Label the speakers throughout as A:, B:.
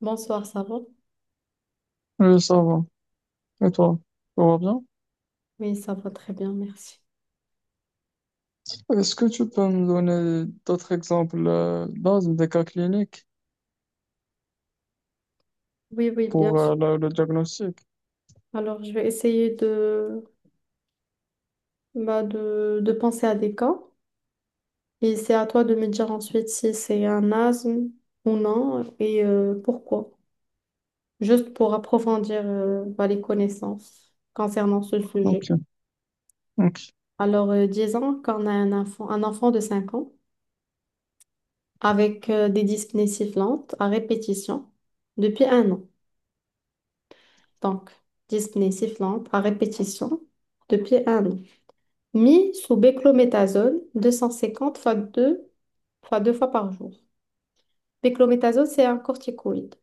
A: Bonsoir, ça va?
B: Oui, ça va. Et toi, tout va bien?
A: Oui, ça va très bien, merci.
B: Est-ce que tu peux me donner d'autres exemples dans des cas cliniques
A: Oui, oui, bien
B: pour
A: sûr.
B: le diagnostic?
A: Alors, je vais essayer bah, de penser à des cas et c'est à toi de me dire ensuite si c'est un asthme ou non et pourquoi. Juste pour approfondir bah, les connaissances concernant ce
B: Ok,
A: sujet.
B: ok.
A: Alors, disons qu'on a un enfant de 5 ans avec des dyspnées sifflantes à répétition depuis un an. Donc, dyspnées sifflantes à répétition depuis un an, mis sous béclométasone 250 fois 2 fois par jour. Béclométasone, c'est un corticoïde.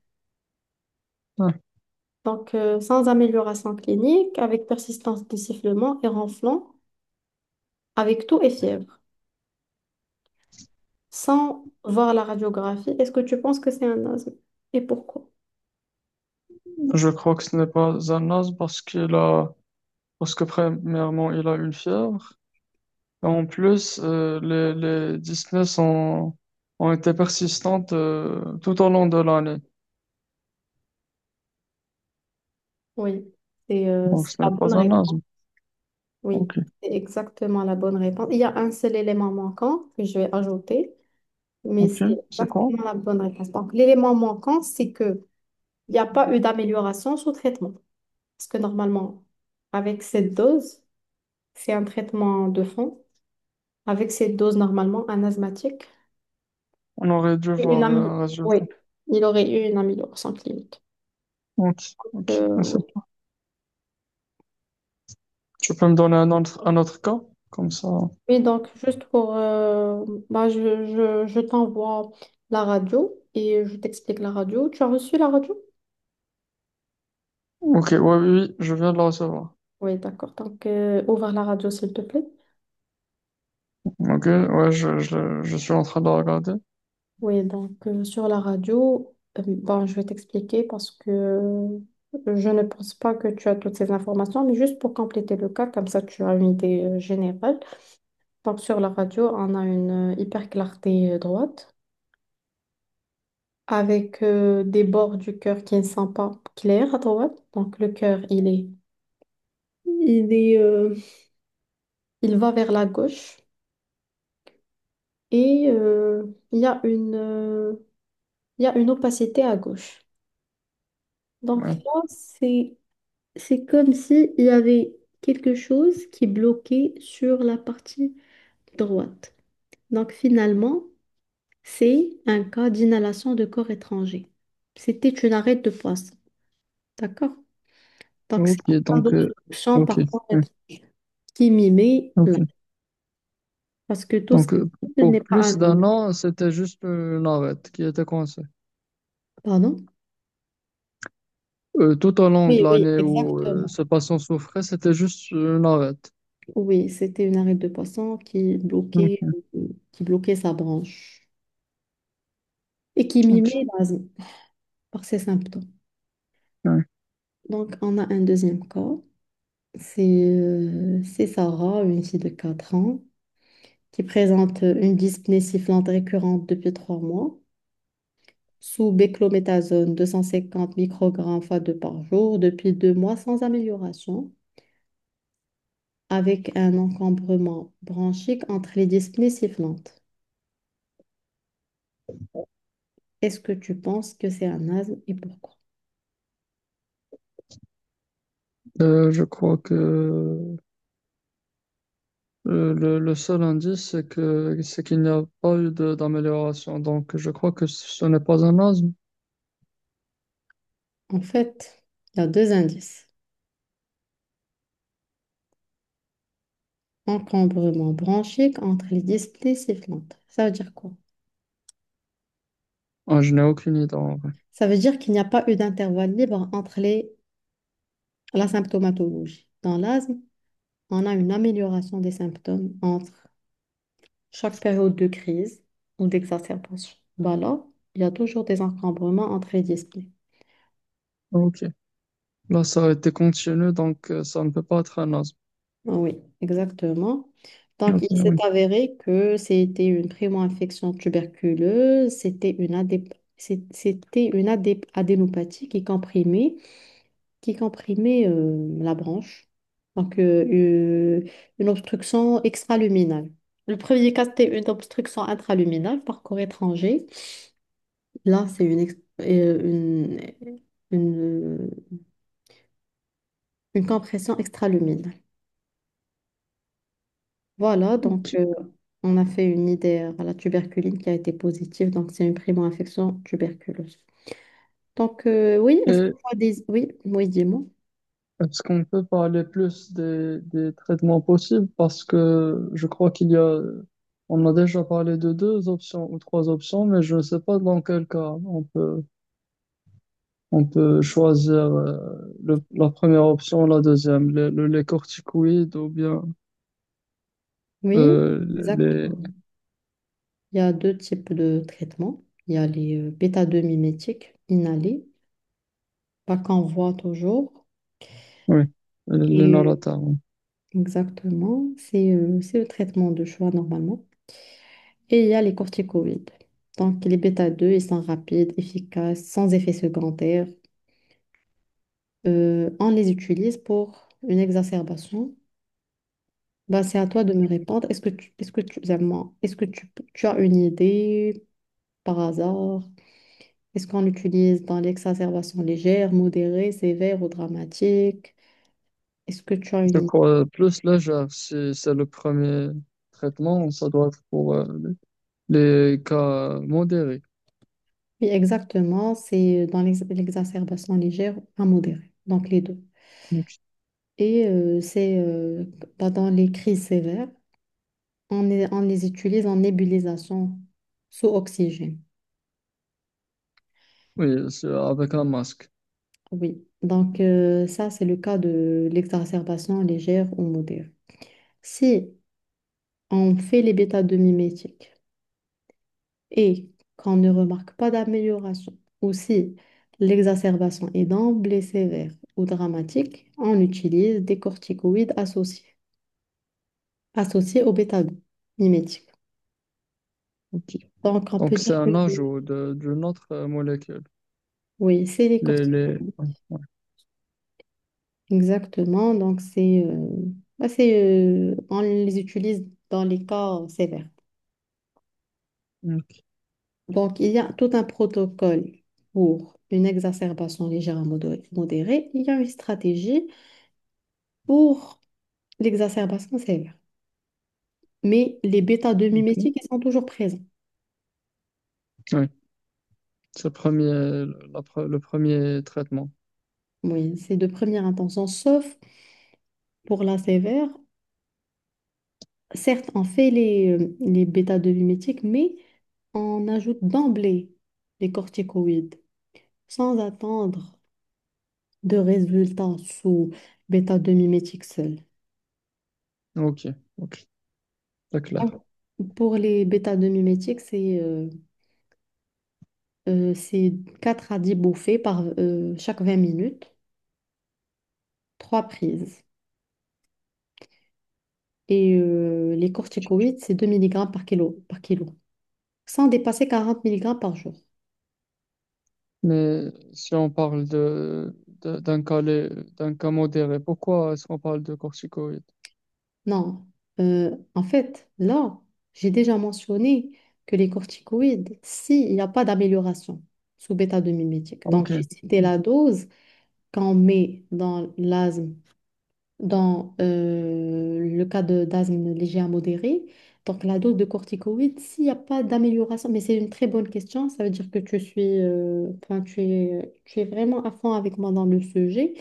B: Ouais.
A: Donc, sans amélioration clinique, avec persistance des sifflements et ronflements, avec toux et fièvre, sans voir la radiographie, est-ce que tu penses que c'est un asthme? Et pourquoi?
B: Je crois que ce n'est pas un asthme parce qu'il a, parce que premièrement, il a une fièvre. Et en plus, les dyspnées sont, ont été persistantes tout au long de l'année.
A: Oui, c'est euh,
B: Donc,
A: c'est
B: ce
A: la
B: n'est
A: bonne
B: pas un
A: réponse.
B: asthme.
A: Oui,
B: Ok,
A: c'est exactement la bonne réponse. Il y a un seul élément manquant que je vais ajouter, mais
B: ok.
A: c'est
B: C'est quoi?
A: exactement la bonne réponse. Donc, l'élément manquant, c'est que il n'y a pas eu d'amélioration sous traitement. Parce que normalement, avec cette dose, c'est un traitement de fond. Avec cette dose, normalement, un asthmatique,
B: On aurait dû
A: une
B: voir
A: amie,
B: un résultat.
A: oui, il aurait eu une amélioration clinique.
B: Ok, ok.
A: Oui.
B: Tu peux me donner un autre cas? Comme ça.
A: Oui, donc, bah, je t'envoie la radio et je t'explique la radio. Tu as reçu la radio?
B: Ok, ouais, oui, oui, je viens de la recevoir.
A: Oui, d'accord. Donc, ouvre la radio, s'il te plaît.
B: Ok, ouais, je suis en train de la regarder.
A: Oui, donc sur la radio, bon, je vais t'expliquer parce que je ne pense pas que tu as toutes ces informations, mais juste pour compléter le cas, comme ça tu as une idée générale. Donc sur la radio, on a une hyper clarté droite avec des bords du cœur qui ne sont pas clairs à droite. Donc le cœur, il est, euh, il va vers la gauche et il y a une, il y a une opacité à gauche. Donc
B: Ouais.
A: là, c'est comme s'il y avait quelque chose qui bloquait sur la partie droite. Donc finalement, c'est un cas d'inhalation de corps étranger. C'était une arête de poisson. D'accord? Donc c'est
B: Ok,
A: pas
B: donc,
A: d'obstruction
B: ok,
A: par corps
B: ouais,
A: étranger qui mimait là.
B: ok.
A: Parce que tout ce
B: Donc,
A: qui
B: pour
A: n'est pas un
B: plus
A: mime.
B: d'un an, c'était juste l'arête qui était coincée.
A: Pardon?
B: Tout au long de
A: Oui, oui,
B: l'année où
A: exactement.
B: ce patient souffrait, c'était juste une arête.
A: Oui, c'était une arête de poisson qui bloquait,
B: Ok,
A: sa branche et qui
B: ok,
A: mimait l'asthme par ses symptômes.
B: ouais.
A: Donc, on a un deuxième cas. C'est c'est Sarah, une fille de 4 ans, qui présente une dyspnée sifflante récurrente depuis 3 mois, sous béclométasone 250 microgrammes fois 2 par jour, depuis 2 mois sans amélioration, avec un encombrement bronchique entre les dyspnées sifflantes. Est-ce que tu penses que c'est un asthme et pourquoi?
B: Je crois que Le seul indice, c'est que, c'est qu'il n'y a pas eu de- d'amélioration. Donc, je crois que ce n'est pas un asthme.
A: En fait, il y a deux indices. Encombrement bronchique entre les dyspnées sifflantes. Ça veut dire quoi?
B: Ah, je n'ai aucune idée en vrai.
A: Ça veut dire qu'il n'y a pas eu d'intervalle libre entre la symptomatologie. Dans l'asthme, on a une amélioration des symptômes entre chaque période de crise ou d'exacerbation. Bah là, il y a toujours des encombrements entre les disciplines.
B: Ah, ok. Là, ça a été continu, donc ça ne peut pas être un asthme.
A: Ah, oui, exactement. Donc,
B: Ok,
A: il s'est
B: oui.
A: avéré que c'était une primo-infection tuberculeuse, c'était une, adép- c'est- c'était une adép- adénopathie qui comprimait la branche. Donc, euh, une obstruction extraluminale. Le premier cas, c'était une obstruction intraluminale par corps étranger. Là, c'est une, ex- euh, une, une, euh, une compression extraluminale. Voilà, donc
B: Ok.
A: on a fait une idée à la tuberculine qui a été positive. Donc, c'est une primo-infection tuberculeuse. Donc, oui, est-ce que
B: Et
A: tu as des... Oui, oui, dis-moi.
B: est-ce qu'on peut parler plus des traitements possibles? Parce que je crois qu'il y a, on a déjà parlé de deux options ou trois options, mais je ne sais pas dans quel cas on peut. On peut choisir le- la première option, la deuxième, le- les, corticoïdes ou bien
A: Oui,
B: euh,
A: exact.
B: les,
A: Il y a deux types de traitements. Il y a les bêta-2-mimétiques inhalés, pas qu'on voit toujours.
B: oui, les
A: Et
B: Narataron.
A: Exactement, c'est le traitement de choix normalement. Et il y a les corticoïdes. Donc les bêta-2, ils sont rapides, efficaces, sans effet secondaire. On les utilise pour une exacerbation. Bah, c'est à toi de me répondre. Zalma, est-ce que tu as une idée par hasard? Est-ce qu'on l'utilise dans l'exacerbation légère, modérée, sévère ou dramatique? Est-ce que tu as une
B: Je
A: idée?
B: crois plus légère, si c'est le premier traitement, ça doit être pour les cas modérés.
A: Oui, exactement, c'est dans l'exacerbation légère à modérée, donc les deux.
B: Ok.
A: Et c'est dans les crises sévères, on les utilise en nébulisation sous oxygène.
B: Oui, c'est avec un masque.
A: Oui, donc ça, c'est le cas de l'exacerbation légère ou modérée. Si on fait les bêta-2-mimétiques, et qu'on ne remarque pas d'amélioration, ou si l'exacerbation est d'emblée sévère ou dramatique, on utilise des corticoïdes associés, associés au bêta-glucane mimétique.
B: Ok.
A: Donc, on peut
B: Donc c'est
A: dire que
B: un ajout de- d'une autre molécule.
A: oui, c'est les
B: Les...
A: corticoïdes.
B: ouais, ouais.
A: Exactement. Donc, bah, on les utilise dans les cas sévères.
B: Ok,
A: Donc, il y a tout un protocole pour une exacerbation légère à modérée. Il y a une stratégie pour l'exacerbation sévère. Mais les bêta 2
B: ok.
A: mimétiques, ils sont toujours présents.
B: Oui, c'est le premier, le, la pre- le premier traitement.
A: Oui, c'est de première intention, sauf pour la sévère. Certes, on fait les bêta 2 mimétiques, mais on ajoute d'emblée les corticoïdes, sans attendre de résultats sous bêta 2 mimétiques seul.
B: Ok, ok, c'est clair.
A: Donc, pour les bêta 2 mimétiques, c'est 4 à 10 bouffées par chaque 20 minutes, 3 prises. Et les corticoïdes, c'est 2 mg par kilo, par kilo, sans dépasser 40 mg par jour.
B: Mais si on parle de- d'un cas, lé- d'un cas modéré, pourquoi est-ce qu'on parle de corticoïdes?
A: Non, en fait, là, j'ai déjà mentionné que les corticoïdes, s'il n'y a pas d'amélioration sous bêta-2-mimétique, donc
B: Ok.
A: j'ai cité la dose qu'on met dans l'asthme, dans le cas de d'asthme léger à modéré, donc la dose de corticoïdes, s'il n'y a pas d'amélioration, mais c'est une très bonne question, ça veut dire que tu suis, enfin, tu es vraiment à fond avec moi dans le sujet.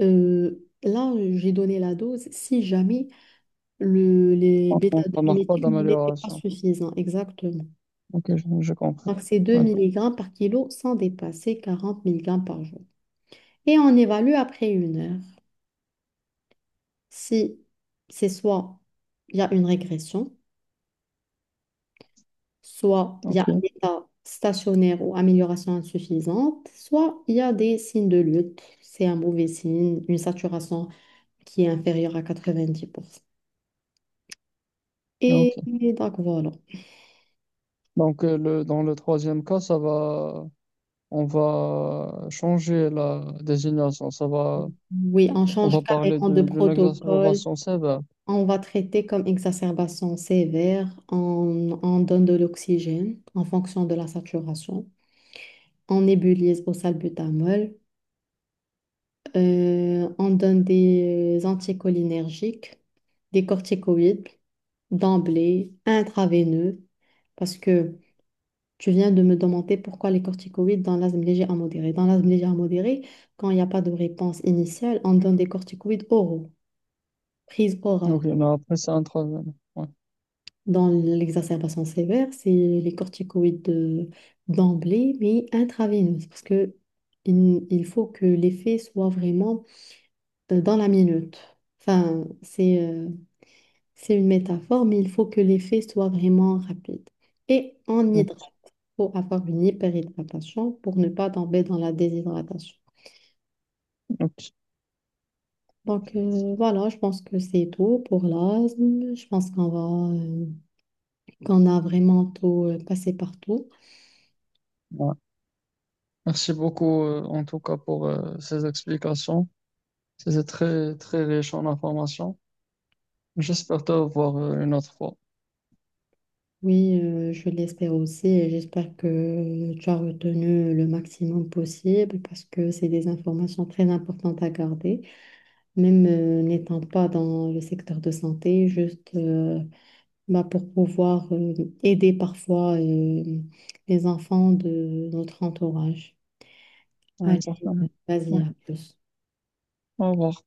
A: Euh, Là, j'ai donné la dose si jamais les
B: On ne remarque pas
A: bêta-2-mimétiques n'étaient pas
B: d'amélioration.
A: suffisants, exactement.
B: Ok, je
A: Donc,
B: comprends.
A: c'est deux
B: Ouais,
A: milligrammes par kilo sans dépasser 40 mg par jour. Et on évalue après 1 heure si c'est soit il y a une régression, soit il y a un
B: ok,
A: état stationnaire ou amélioration insuffisante, soit il y a des signes de lutte. C'est un mauvais signe, une saturation qui est inférieure à 90%.
B: ok.
A: Et donc voilà.
B: Donc, dans le troisième cas, ça va, on va changer la désignation. Ça va,
A: Oui, on
B: on va
A: change
B: parler
A: carrément de
B: de- d'une
A: protocole.
B: exacerbation sévère.
A: On va traiter comme exacerbation sévère. On donne de l'oxygène en fonction de la saturation. On nébulise au salbutamol. On donne des anticholinergiques, des corticoïdes d'emblée, intraveineux. Parce que tu viens de me demander pourquoi les corticoïdes dans l'asthme léger à modéré. Dans l'asthme léger à modéré, quand il n'y a pas de réponse initiale, on donne des corticoïdes oraux, prise orale.
B: Ok, mais après, c'est un troisième. Ouais,
A: Dans l'exacerbation sévère, c'est les corticoïdes d'emblée, mais intraveineuses, parce que il faut que l'effet soit vraiment dans la minute. Enfin, c'est une métaphore, mais il faut que l'effet soit vraiment rapide. Et on hydrate.
B: ok,
A: Il faut avoir une hyperhydratation pour ne pas tomber dans la déshydratation.
B: ok.
A: Donc voilà, je pense que c'est tout pour l'asthme. Je pense qu'on a vraiment tout passé partout.
B: Ouais. Merci beaucoup, en tout cas, pour ces explications. C'était très, très riche en informations. J'espère te revoir une autre fois.
A: Oui, je l'espère aussi et j'espère que tu as retenu le maximum possible parce que c'est des informations très importantes à garder, même n'étant pas dans le secteur de santé, juste bah, pour pouvoir aider parfois les enfants de notre entourage.
B: Ouais,
A: Allez,
B: certainement.
A: vas-y,
B: Ouais.
A: à plus.
B: Au revoir.